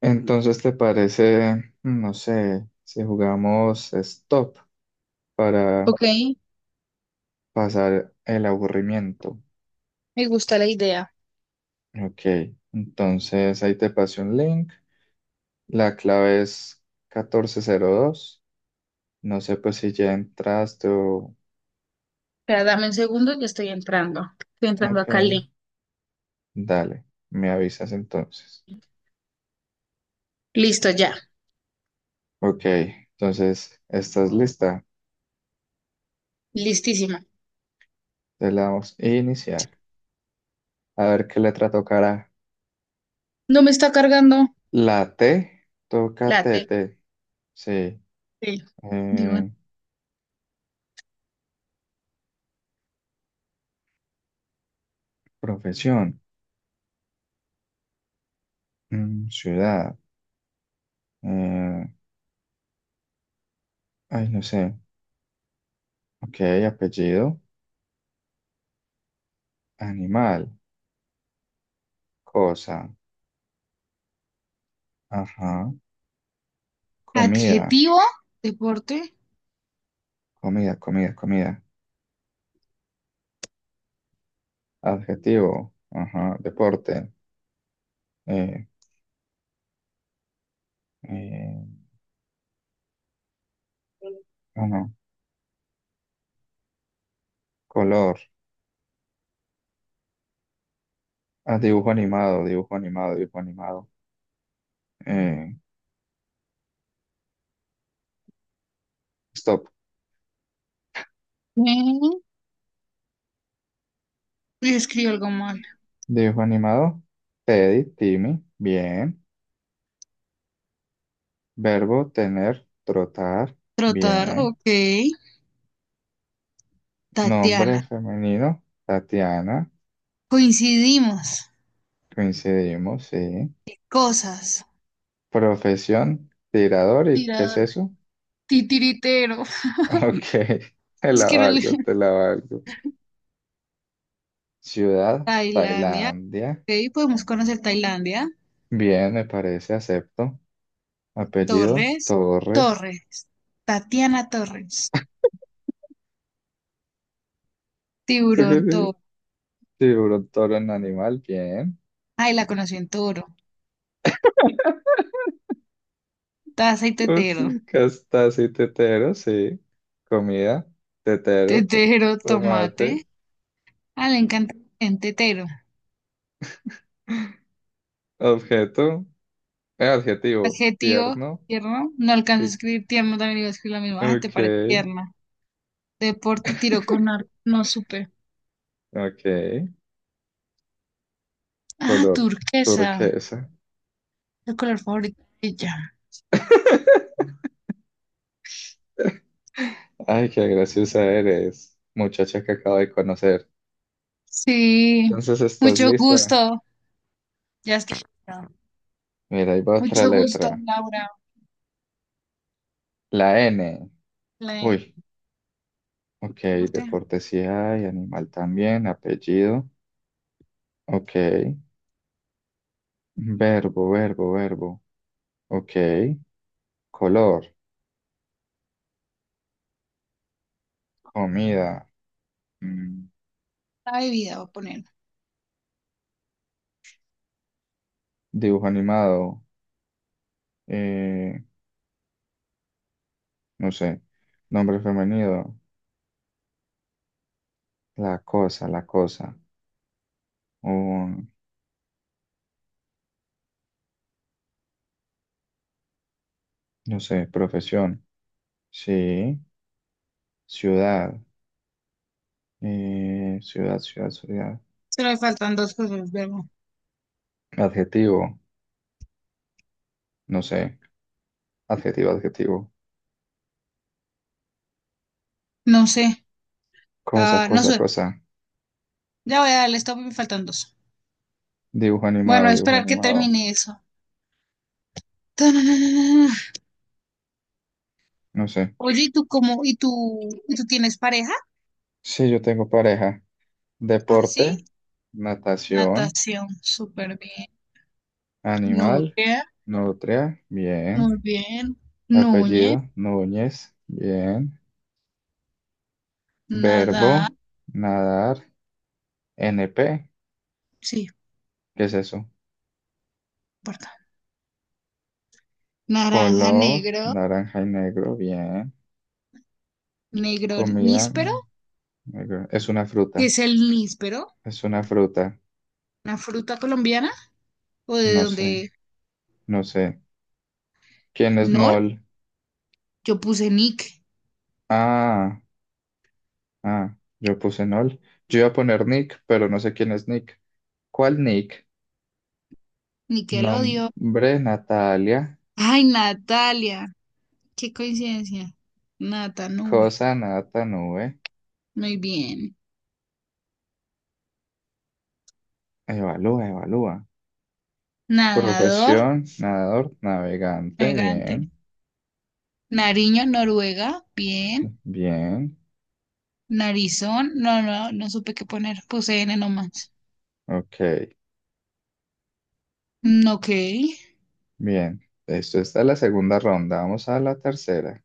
Entonces, ¿te parece, no sé, si jugamos stop para Ok, pasar el aburrimiento? me gusta la idea. Ok, entonces ahí te pasé un link. La clave es 1402. No sé, pues, si ya entraste o. Espera, dame un segundo, ya estoy entrando. Estoy entrando Ok, acá al link. dale, me avisas entonces. Listo, ya. Ok, entonces, ¿estás lista? Listísima. Te la damos a iniciar. A ver qué letra tocará. No me está cargando La T, toca la T, T. T. Sí. T. Digo, Eh, Profesión, ciudad, eh, ay, no sé. Ok, apellido, animal, cosa, ajá, comida, adjetivo, deporte. comida, comida, comida, adjetivo, ajá, deporte, eh, eh, ah, no, color, ah, dibujo animado, dibujo animado, dibujo animado, eh, stop, Mm, y escribo algo mal. dibujo animado, Teddy, Timmy, bien, verbo, tener, trotar, Trotar, bien. ok. Nombre Tatiana. femenino, Tatiana. Coincidimos. Coincidimos, sí. Cosas. Profesión, tirador. ¿Y qué es Tirador. eso? Titiritero. Ok, te Es la que no le- valgo, te la valgo. Ciudad, Tailandia. Tailandia. Ok, podemos conocer Tailandia. Bien, me parece, acepto. Apellido, Torres. Torres. Torres. Tatiana Torres. ¿Eso qué Tiburón significa? toro. Tiburón, toro en animal, bien. Ay, la conoció en toro. Taza y Ups, tetero. Castasi, y tetero, sí. Comida, tetero. Tetero, Tomate. tomate. Ah, le encanta en tetero. Objeto, adjetivo, Adjetivo, tierno. tierno. No alcanzo a y escribir tierno, también iba a escribir la misma. Ah, te Ok, parece tierna. Deporte, tiro con arco. No supe. ok. Ah, Color turquesa. turquesa. El color favorito de ella. Ay, qué graciosa eres, muchacha que acabo de conocer. Sí. Entonces, ¿estás Mucho lista? gusto. Ya está. Mira, ahí va otra Mucho gusto, letra. Laura. La N. La Uy, ok. deporte. Deporte sí hay, animal también, apellido. Ok. Verbo, verbo, verbo. Ok. Color, comida, mm, La bebida, voy a poner. dibujo animado, eh, no sé, nombre femenino, la cosa, la cosa. O no sé, profesión, sí, ciudad, ciudad, ciudad, ciudad, Solo me faltan dos cosas, verbo. adjetivo, no sé, adjetivo, adjetivo, No sé. cosa, Ah, no cosa, sé. cosa, Ya voy a darle stop y me faltan dos. Bueno, a dibujo esperar que animado, termine eso. Tananana. no sé. Oye, ¿y tú cómo? ¿Y tú tienes pareja? Sí, yo tengo pareja, Ah, sí. deporte, natación, Natación, súper bien. animal, Nutria, nutria, bien, muy bien. Núñez, apellido, Núñez, bien, nada. verbo, nadar, NP, Sí, no ¿qué es eso? importa. Naranja Color negro, naranja y negro, bien. negro Comida níspero, negro. Es una que fruta. es el níspero, Es una fruta. una fruta colombiana, o de No sé, dónde. no sé. ¿Quién es No, Nol? yo puse Nick, Ah, ah, yo puse Nol. Yo iba a poner Nick, pero no sé quién es Nick. ¿Cuál Nick? Nickelodeon. Nombre Natalia. Ay, Natalia, qué coincidencia. Nata, nube. Cosa nata nube. Muy bien. Evalúa, evalúa. Nadador, Profesión, nadador, navegante. elegante. Bien, Nariño, Noruega, bien. bien. Narizón, no, no, no supe qué poner. Puse N nomás. Ok, Mm, ok. bien. Esto está en la segunda ronda. Vamos a la tercera.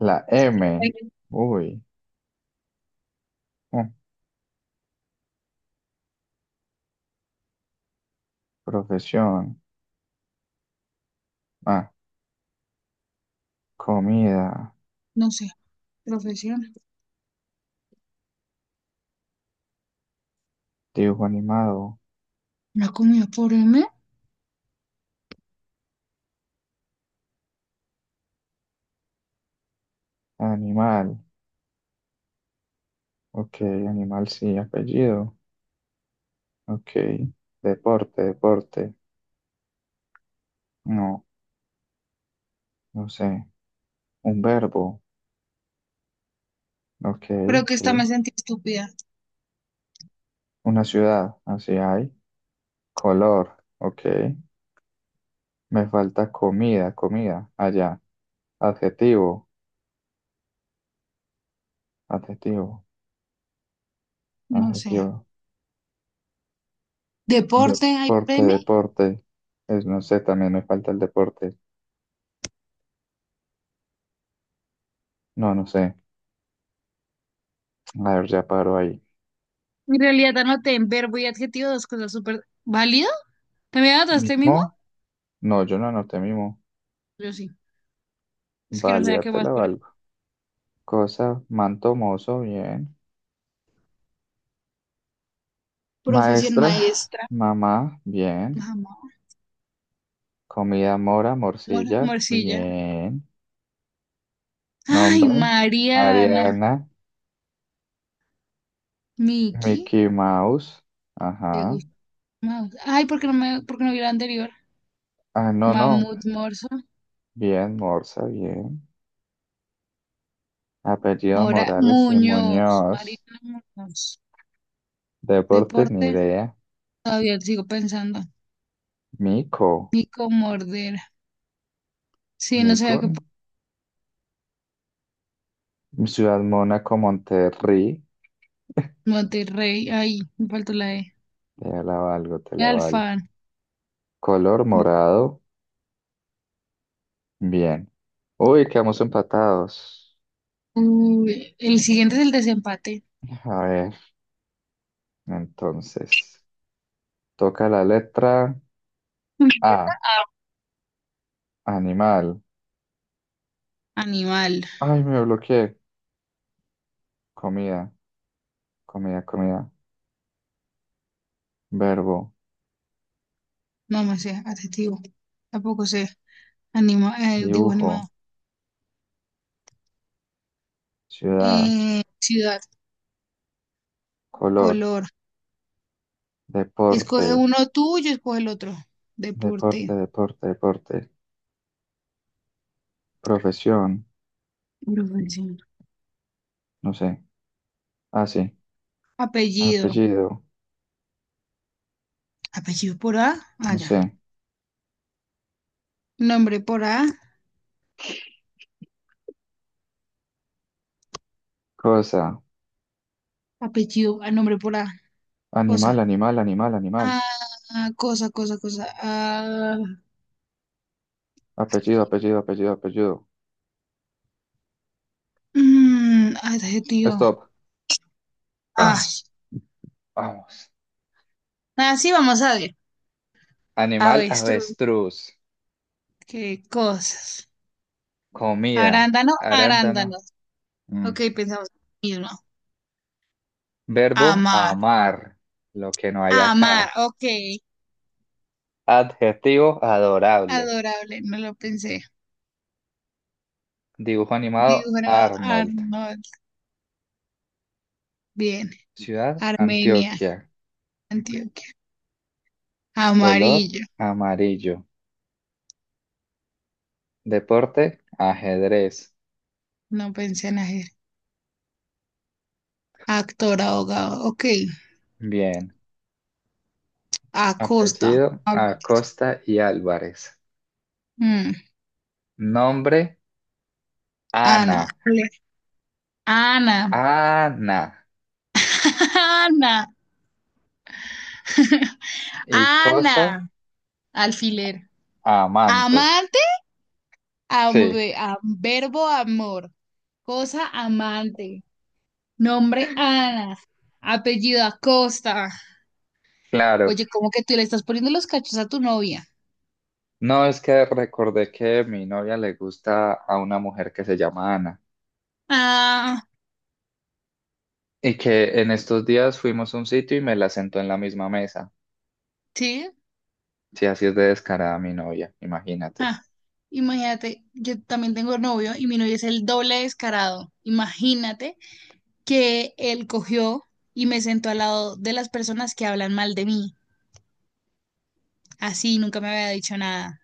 La M. Ay, Uy. mm, Profesión. Ah, comida. no sé. Profesión. Dibujo animado. ¿La comida por M? Animal. Ok, animal sí. Apellido. Ok. Deporte, deporte. No, no sé. Un verbo. Ok, Creo que esta sí. me sentí estúpida. Una ciudad. Así hay. Color. Ok. Me falta comida, comida. Allá. Adjetivo. Adjetivo. No sé. Adjetivo. Deporte, ¿hay Deporte, premio? deporte. Es, no sé, también me falta el deporte. No, no sé. A ver, ya paro ahí. En realidad anoté en verbo y adjetivo dos cosas súper válido. ¿También anotaste mismo? ¿Mimo? No, yo no anoté mimo. Yo sí. Es que no sabía Válida, qué te más la poner. valgo. Cosa, manto mozo, bien. Profesión Maestra, maestra. mamá, bien. Mamá. Comida mora, morcilla, Morcilla. bien. Ay, Nombre, Mariana. Mariana, Miki, Mickey Mouse, ¿te ajá. gusta Maus? Ay, por qué no vi la anterior? Ah, no, no, Mamut Morso, bien, Morsa, bien. Apellido Mora, Morales y Muñoz, Muñoz. Mariana Muñoz. Deporte, ni Deporte, idea. todavía sigo pensando. Mico, Nico Mordera. Sí, no Mico, sabía que por Ciudad Mónaco, Monterrey. Monterrey. Ay, me faltó la E. Te la valgo, te la valgo. Alfán. Color morado. Bien. Uy, quedamos empatados. Uy, el siguiente es el desempate. A ver, entonces. Toca la letra Respuesta A. Animal. A. Animal. Ay, me bloqueé. Comida, comida, comida. Verbo, No, me sé, adjetivo. Tampoco sé. Digo animado. dibujo, ciudad, Ciudad, color, color. Escoge deporte, uno tú, yo escoge el otro. deporte, Deporte. deporte, deporte. Profesión, Profesión. no sé. Ah, sí. Apellido. Apellido, Apellido por A. Ah, no ya. sé. Nombre por A. Cosa. Apellido. Ah, nombre por A. Animal, Cosa. animal, animal, animal. Ah, cosa, cosa, cosa. Ah, Apellido, apellido, apellido, apellido. mm, ay, adjetivo. Stop. Ah, Ah, vamos. así vamos a ver. Animal, Avestruz. avestruz. Qué cosas. Comida, Arándano, arándano. arándanos. Mm. Ok, pensamos lo mismo. Verbo, Amar. amar. Lo que no hay Amar. acá. Ok. Adjetivo, adorable. Adorable. No lo pensé. Dibujo animado, Dibujar a Arnold. Arnold. Bien. Ciudad, Armenia, Antioquia. Antioquia. Color, Amarillo. amarillo. Deporte, ajedrez. No pensé en hacer. Actor, abogado. Ok. Bien. Acosta. Apellido, Alba- Acosta y Álvarez. mm, Nombre, Ana. Ana. Ana. Ana. Ana. Y cosa, Ana. Alfiler. amante. Amante. am- Sí, verbo amor. Cosa amante. Nombre Ana. Apellido Acosta. claro. Oye, ¿cómo que tú le estás poniendo los cachos a tu novia? No es que recordé que mi novia le gusta a una mujer que se llama Ana Ah, y que en estos días fuimos a un sitio y me la sentó en la misma mesa. sí. Sí, así es de descarada mi novia, imagínate. Ja, imagínate, yo también tengo novio y mi novio es el doble descarado. Imagínate que él cogió y me sentó al lado de las personas que hablan mal de mí. Así, nunca me había dicho nada.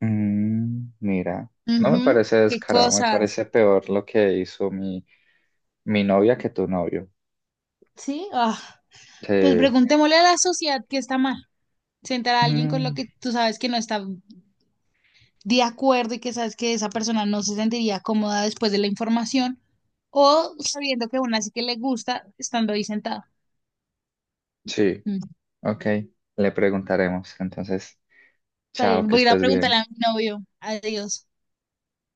Mira, no me Ujú, parece qué descarado, me cosas. parece peor lo que hizo mi novia que tu novio. Sí, ah, pues Sí. preguntémosle a la sociedad qué está mal. Sentar a alguien con lo Mm, que tú sabes que no está de acuerdo y que sabes que esa persona no se sentiría cómoda después de la información o sabiendo que aún así que le gusta estando ahí sentado. sí, ok, le preguntaremos. Entonces, Está chao, bien, que voy a ir a estés preguntarle bien. a mi novio. Adiós.